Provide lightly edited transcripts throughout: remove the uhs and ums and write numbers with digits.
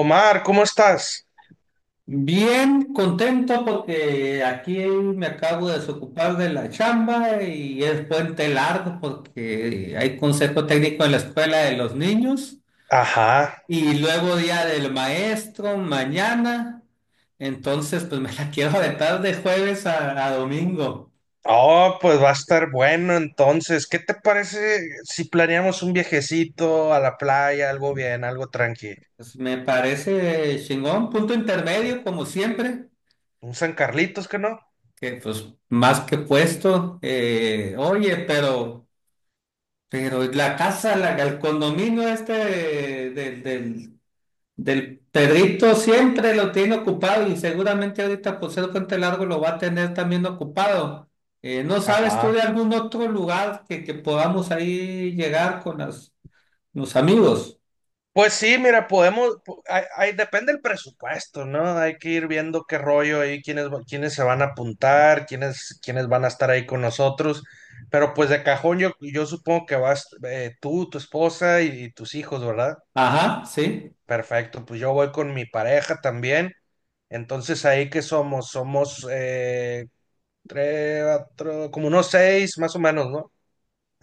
Omar, ¿cómo estás? Bien contento porque aquí me acabo de desocupar de la chamba y es puente largo porque hay consejo técnico en la escuela de los niños Ajá. y luego día del maestro mañana. Entonces, pues me la quiero aventar de jueves a domingo. Oh, pues va a estar bueno entonces. ¿Qué te parece si planeamos un viajecito a la playa, algo bien, algo tranqui? Pues, me parece chingón, punto intermedio como siempre, Un San Carlitos, ¿que no? que pues más que puesto. Oye, pero... Pero la casa, la, el condominio este del, del, del Pedrito siempre lo tiene ocupado y seguramente ahorita por ser Puente Largo lo va a tener también ocupado. ¿No sabes tú Ajá. de algún otro lugar que podamos ahí llegar con los amigos? Pues sí, mira, podemos, depende del presupuesto, ¿no? Hay que ir viendo qué rollo ahí, quiénes, quiénes se van a apuntar, quiénes van a estar ahí con nosotros. Pero pues de cajón yo supongo que vas tú, tu esposa y tus hijos, ¿verdad? Ajá, sí. Perfecto, pues yo voy con mi pareja también. Entonces, ¿ahí que somos? Somos tres, cuatro, como unos seis más o menos, ¿no?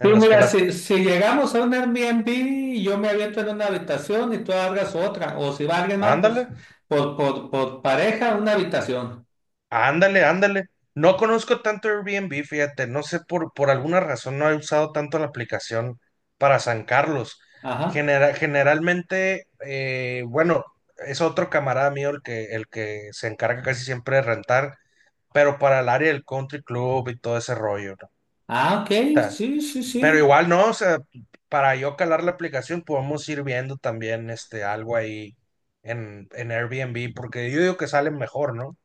Sí, los que mira, las... si llegamos a un Airbnb y yo me aviento en una habitación y tú abras otra, o si va alguien más, pues Ándale, por pareja una habitación. ándale, ándale. No conozco tanto Airbnb, fíjate, no sé, por alguna razón no he usado tanto la aplicación para San Carlos. Ajá. Generalmente, bueno, es otro camarada mío el que se encarga casi siempre de rentar, pero para el área del country club y todo ese rollo, Ah, ok, ¿no? sí, sí, Pero sí. igual no, o sea, para yo calar la aplicación podemos ir viendo también este algo ahí en Airbnb, porque yo digo que salen mejor, ¿no?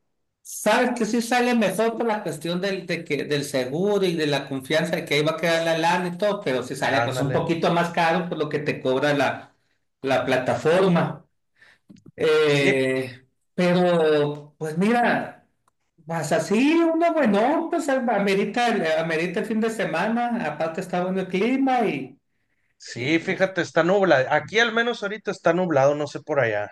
Sabes que sí sale mejor por la cuestión del seguro y de la confianza de que ahí va a quedar la lana y todo, pero sí sale pues un Ándale. poquito más caro por lo que te cobra la plataforma. Sí, Eh, pero, pues mira, vas así, uno bueno, pues amerita, amerita el fin de semana, aparte está bueno el clima y, sí, fíjate, está nublado. Aquí al menos ahorita está nublado, no sé por allá.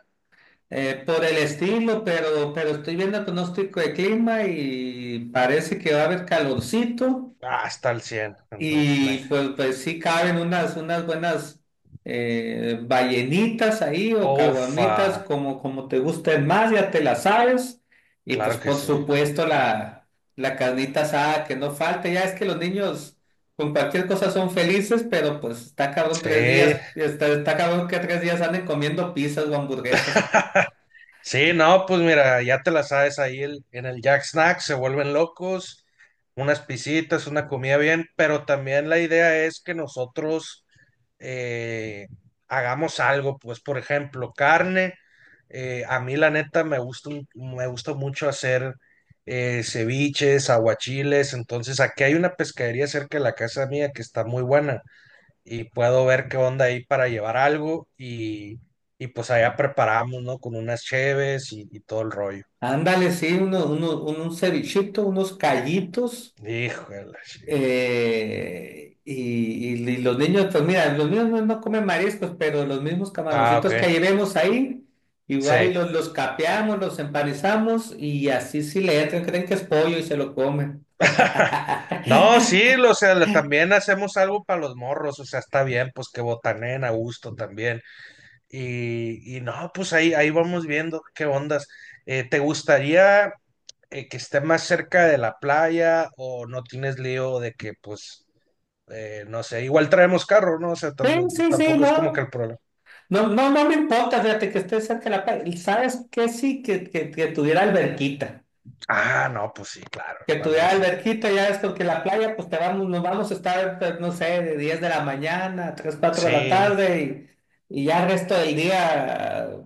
Por el estilo, pero estoy viendo el pronóstico de clima y parece que va a haber calorcito Ah, está al 100, entonces. y pues, pues sí caben unas buenas ballenitas ahí o Ufa, caguamitas como, como te gusten más, ya te las sabes. Y pues claro que por sí. supuesto la carnita asada que no falte, ya es que los niños con cualquier cosa son felices, pero pues está cabrón Sí, tres días, está cabrón que tres días anden comiendo pizzas o hamburguesas. sí, no, pues mira, ya te la sabes ahí en el Jack Snack, se vuelven locos, unas pisitas, una comida bien, pero también la idea es que nosotros eh, hagamos algo, pues por ejemplo, carne, a mí la neta me gusta, me gusta mucho hacer ceviches, aguachiles, entonces aquí hay una pescadería cerca de la casa mía que está muy buena y puedo ver qué onda ahí para llevar algo y pues allá preparamos, ¿no? Con unas cheves y todo el rollo. Ándale, sí, un cevichito, unos callitos, Híjole, sí. eh, y, y los niños, pues mira, los niños no comen mariscos, pero los mismos Ah, ok. camaroncitos que llevemos ahí, igual y Sí. Los capeamos, los empanizamos, y así sí le entran, creen que es pollo y se lo comen. No, sí, o sea, también hacemos algo para los morros, o sea, está bien, pues que botanen a gusto también. Y no, pues ahí vamos viendo qué ondas. ¿Te gustaría que esté más cerca de la playa o no tienes lío de que, pues, no sé, igual traemos carro, ¿no? O sea, Sí, sí, sí, tampoco es como que no. el problema. No, no, no me importa, fíjate que esté cerca de la playa. ¿Sabes qué? Sí, que tuviera alberquita. Ah, no, pues sí, claro, Que hermano. tuviera alberquita, ya es porque la playa, pues te vamos, nos vamos a estar, pues, no sé, de 10 de la mañana a 3, 4 de la Sí, tarde y ya el resto del día,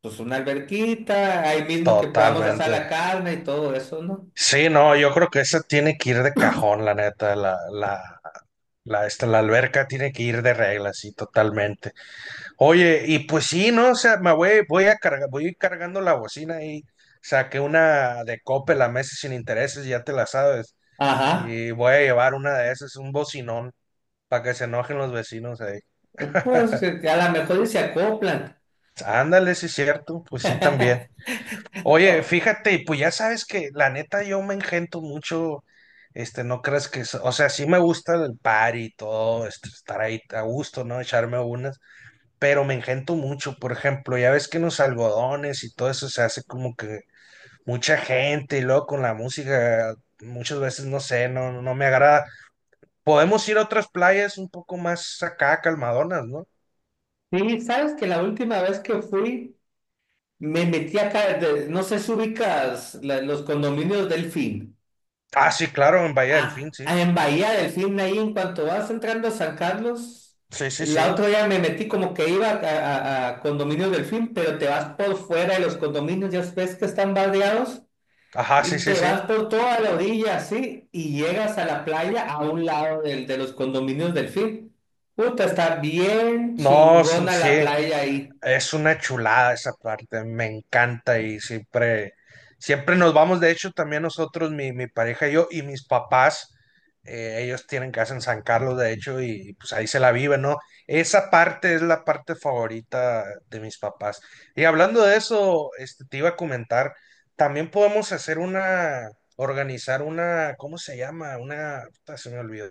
pues una alberquita, ahí mismo que podamos asar totalmente. la carne y todo eso, ¿no? Sí, no, yo creo que esa tiene que ir de cajón, la neta, la alberca tiene que ir de regla, sí, totalmente. Oye, y pues sí, ¿no? O sea, voy a cargar, voy a ir cargando la bocina y saqué una de Coppel la meses sin intereses, ya te la sabes. Ajá, Y voy a llevar una de esas, un bocinón, para que se enojen los vecinos ahí. pues a lo mejor y se acoplan. Ándale, sí es cierto, pues sí también. Oye, Oh, fíjate, pues ya sabes que la neta yo me engento mucho, este, no crees que, o sea, sí me gusta el party y todo, este, estar ahí a gusto, ¿no? Echarme unas, pero me engento mucho, por ejemplo, ya ves que en los algodones y todo eso se hace como que mucha gente y luego con la música muchas veces no sé, no me agrada. Podemos ir a otras playas un poco más acá, calmadonas, ¿no? sí, sabes que la última vez que fui, me metí acá, no sé si ubicas los condominios Delfín. Ah, sí, claro, en Bahía Ah, Delfín, sí. en Bahía del Fin, ahí en cuanto vas entrando a San Carlos, Sí, sí, la sí. otra ya me metí como que iba a condominios del Fin, pero te vas por fuera de los condominios, ya ves que están bardeados, Ajá, sí, y sí, te sí. vas por toda la orilla, así, y llegas a la playa a un lado de los condominios del Fin. Puta, está bien No, son- chingona la Sí, playa ahí. es una chulada esa parte, me encanta y siempre, siempre nos vamos, de hecho también nosotros, mi pareja y yo y mis papás, ellos tienen casa en San Carlos, de hecho, y pues ahí se la viven, ¿no? Esa parte es la parte favorita de mis papás. Y hablando de eso, este, te iba a comentar, también podemos hacer una, organizar una, ¿cómo se llama? Una, puta, se me olvidó,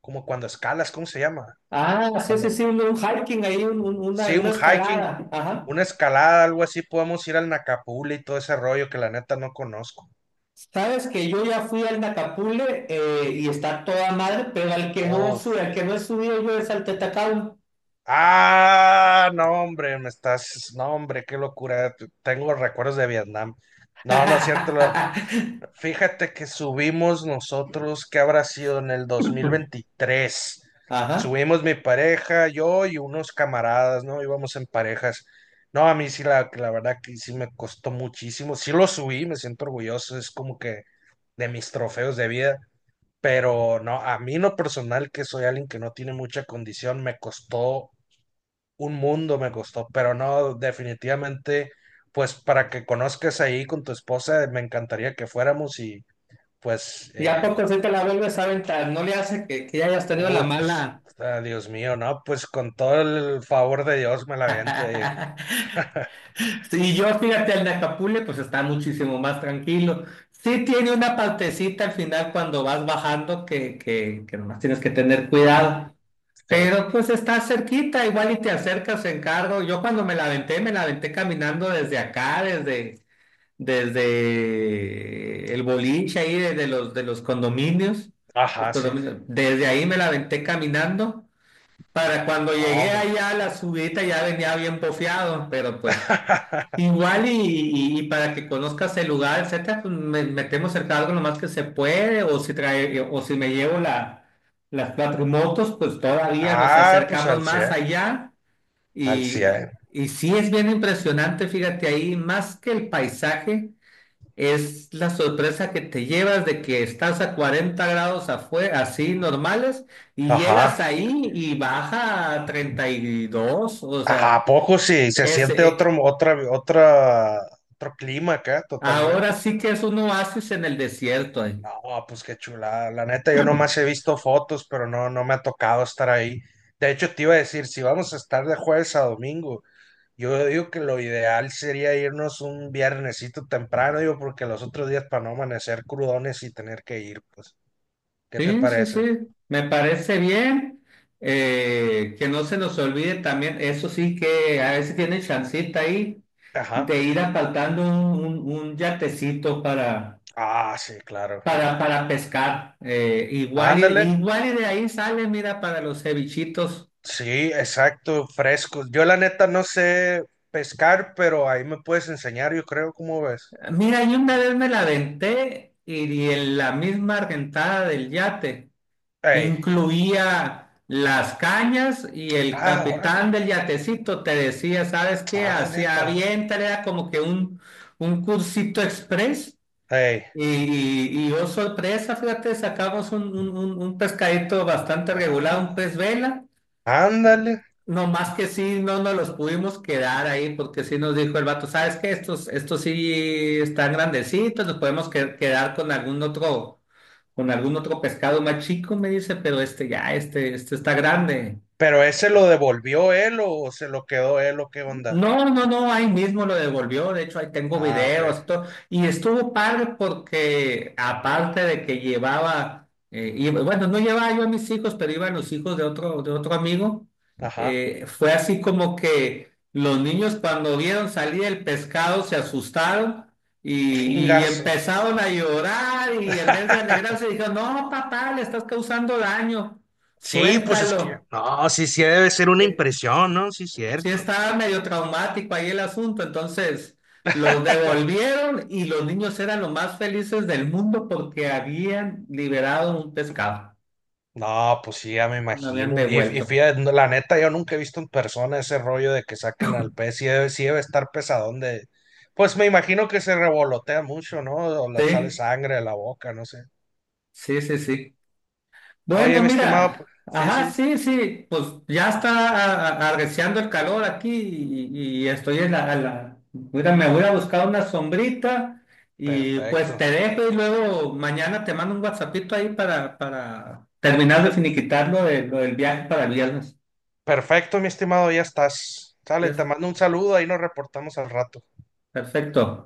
como cuando escalas, ¿cómo se llama? Ah, sí, sí, Cuando, sí, un hiking ahí, sí, una un hiking, escalada, ajá. una escalada, algo así, podemos ir al Nacapula y todo ese rollo que la neta no conozco. Sabes que yo ya fui al Nacapule y está toda madre, pero al que no sube, Uf. al que no he subido yo es al Tetacao. Ah, no, hombre, me estás. No, hombre, qué locura. Tengo recuerdos de Vietnam. No, no es cierto. Fíjate que subimos nosotros, ¿qué habrá sido en el 2023? Ajá. Subimos mi pareja, yo y unos camaradas, ¿no? Íbamos en parejas. No, a mí sí, la verdad que sí me costó muchísimo. Sí lo subí, me siento orgulloso. Es como que de mis trofeos de vida. Pero no, a mí en lo personal, que soy alguien que no tiene mucha condición, me costó un mundo, me costó, pero no, definitivamente, pues para que conozcas ahí con tu esposa, me encantaría que fuéramos y pues, Y a poco se te la vuelves a aventar, no le hace que ya hayas tenido la ut, mala. ah, Dios mío, ¿no? Pues con todo el favor de Dios me la aviento Y yo, fíjate, al Nacapule, pues está muchísimo más tranquilo. Sí tiene una partecita al final cuando vas bajando que nomás tienes que tener cuidado. sí, Pero pues está cerquita, igual y te acercas en carro. Yo cuando me la aventé caminando desde acá, desde el boliche ahí, desde de los condominios, los ajá, sí, condominios. Desde ahí me la aventé caminando. Para cuando no, llegué pues, allá a la subida ya venía bien bofeado, pero pues igual y, y para que conozcas el lugar, etcétera, pues metemos cerca algo lo más que se puede, o si trae, o si me llevo las cuatro motos, pues todavía nos ah, pues acercamos al más 100, allá. al Y, 100, y sí es bien impresionante, fíjate ahí, más que el paisaje, es la sorpresa que te llevas de que estás a 40 grados afuera, así normales, y ajá. llegas ahí y baja a 32, o sea. ¿A poco sí? Se Es, siente e- otro, otro clima acá, Ahora totalmente. sí que es un oasis en el desierto. No, pues qué chulada. La neta, yo nomás he visto fotos, pero no, no me ha tocado estar ahí. De hecho, te iba a decir, si vamos a estar de jueves a domingo, yo digo que lo ideal sería irnos un viernesito temprano, digo, porque los otros días para no amanecer crudones y tener que ir, pues, ¿qué te Sí, sí, sí. parece? Me parece bien. Que no se nos olvide también, eso sí que a veces tiene chancita ahí Ajá. de ir apartando un yatecito Ah, sí, claro. Para pescar. Igual, Ándale. igual y de ahí sale, mira, para los cevichitos. Sí, exacto, frescos. Yo la neta no sé pescar, pero ahí me puedes enseñar, yo creo, ¿cómo ves? Mira, yo una vez me la aventé y en la misma argentada del yate. Ey, Incluía las cañas y el ah, órale. capitán del yatecito te decía, ¿sabes qué? Ah, Hacía neta. bien, era como que un cursito express. Ey, Y, oh sorpresa, fíjate, sacamos un pescadito bastante ah, regular, un pez vela. ándale. No más que sí, no nos los pudimos quedar ahí porque sí nos dijo el vato, ¿sabes qué? Estos sí están grandecitos, nos podemos quedar con algún otro, con algún otro pescado más chico, me dice, pero este ya, este está grande. Pero ese lo devolvió él o se lo quedó él o qué onda. No, no, no, ahí mismo lo devolvió, de hecho ahí tengo Ah, ok. videos, todo, y estuvo padre porque aparte de que llevaba, bueno, no llevaba yo a mis hijos, pero iban los hijos de otro amigo, Ajá. Fue así como que los niños cuando vieron salir el pescado se asustaron y Chingazo. empezaron a llorar y en vez de alegrarse dijeron, no, papá, le estás causando daño, Sí, pues es que, suéltalo. no, sí, sí debe ser una Eh, impresión, ¿no? Sí, sí cierto. estaba medio traumático ahí el asunto, entonces los devolvieron y los niños eran los más felices del mundo porque habían liberado un pescado, No, pues sí, ya me lo habían imagino. Y devuelto. fíjate, no, la neta, yo nunca he visto en persona ese rollo de que saquen al pez. Sí debe estar pesadón de... Pues me imagino que se revolotea mucho, ¿no? O le sale Sí, sangre de la boca, no sé. sí, sí, sí. Oye, Bueno, mi estimado, mira, sí, ajá, sí, sí, sí, pues ya está arreciando el calor aquí y estoy en mira, me voy a buscar una sombrita y pues perfecto. te dejo y luego mañana te mando un WhatsAppito ahí para terminar de finiquitar lo del viaje para el viernes. Perfecto, mi estimado, ya estás. Ya Sale, te es- mando un saludo, ahí nos reportamos al rato. Perfecto.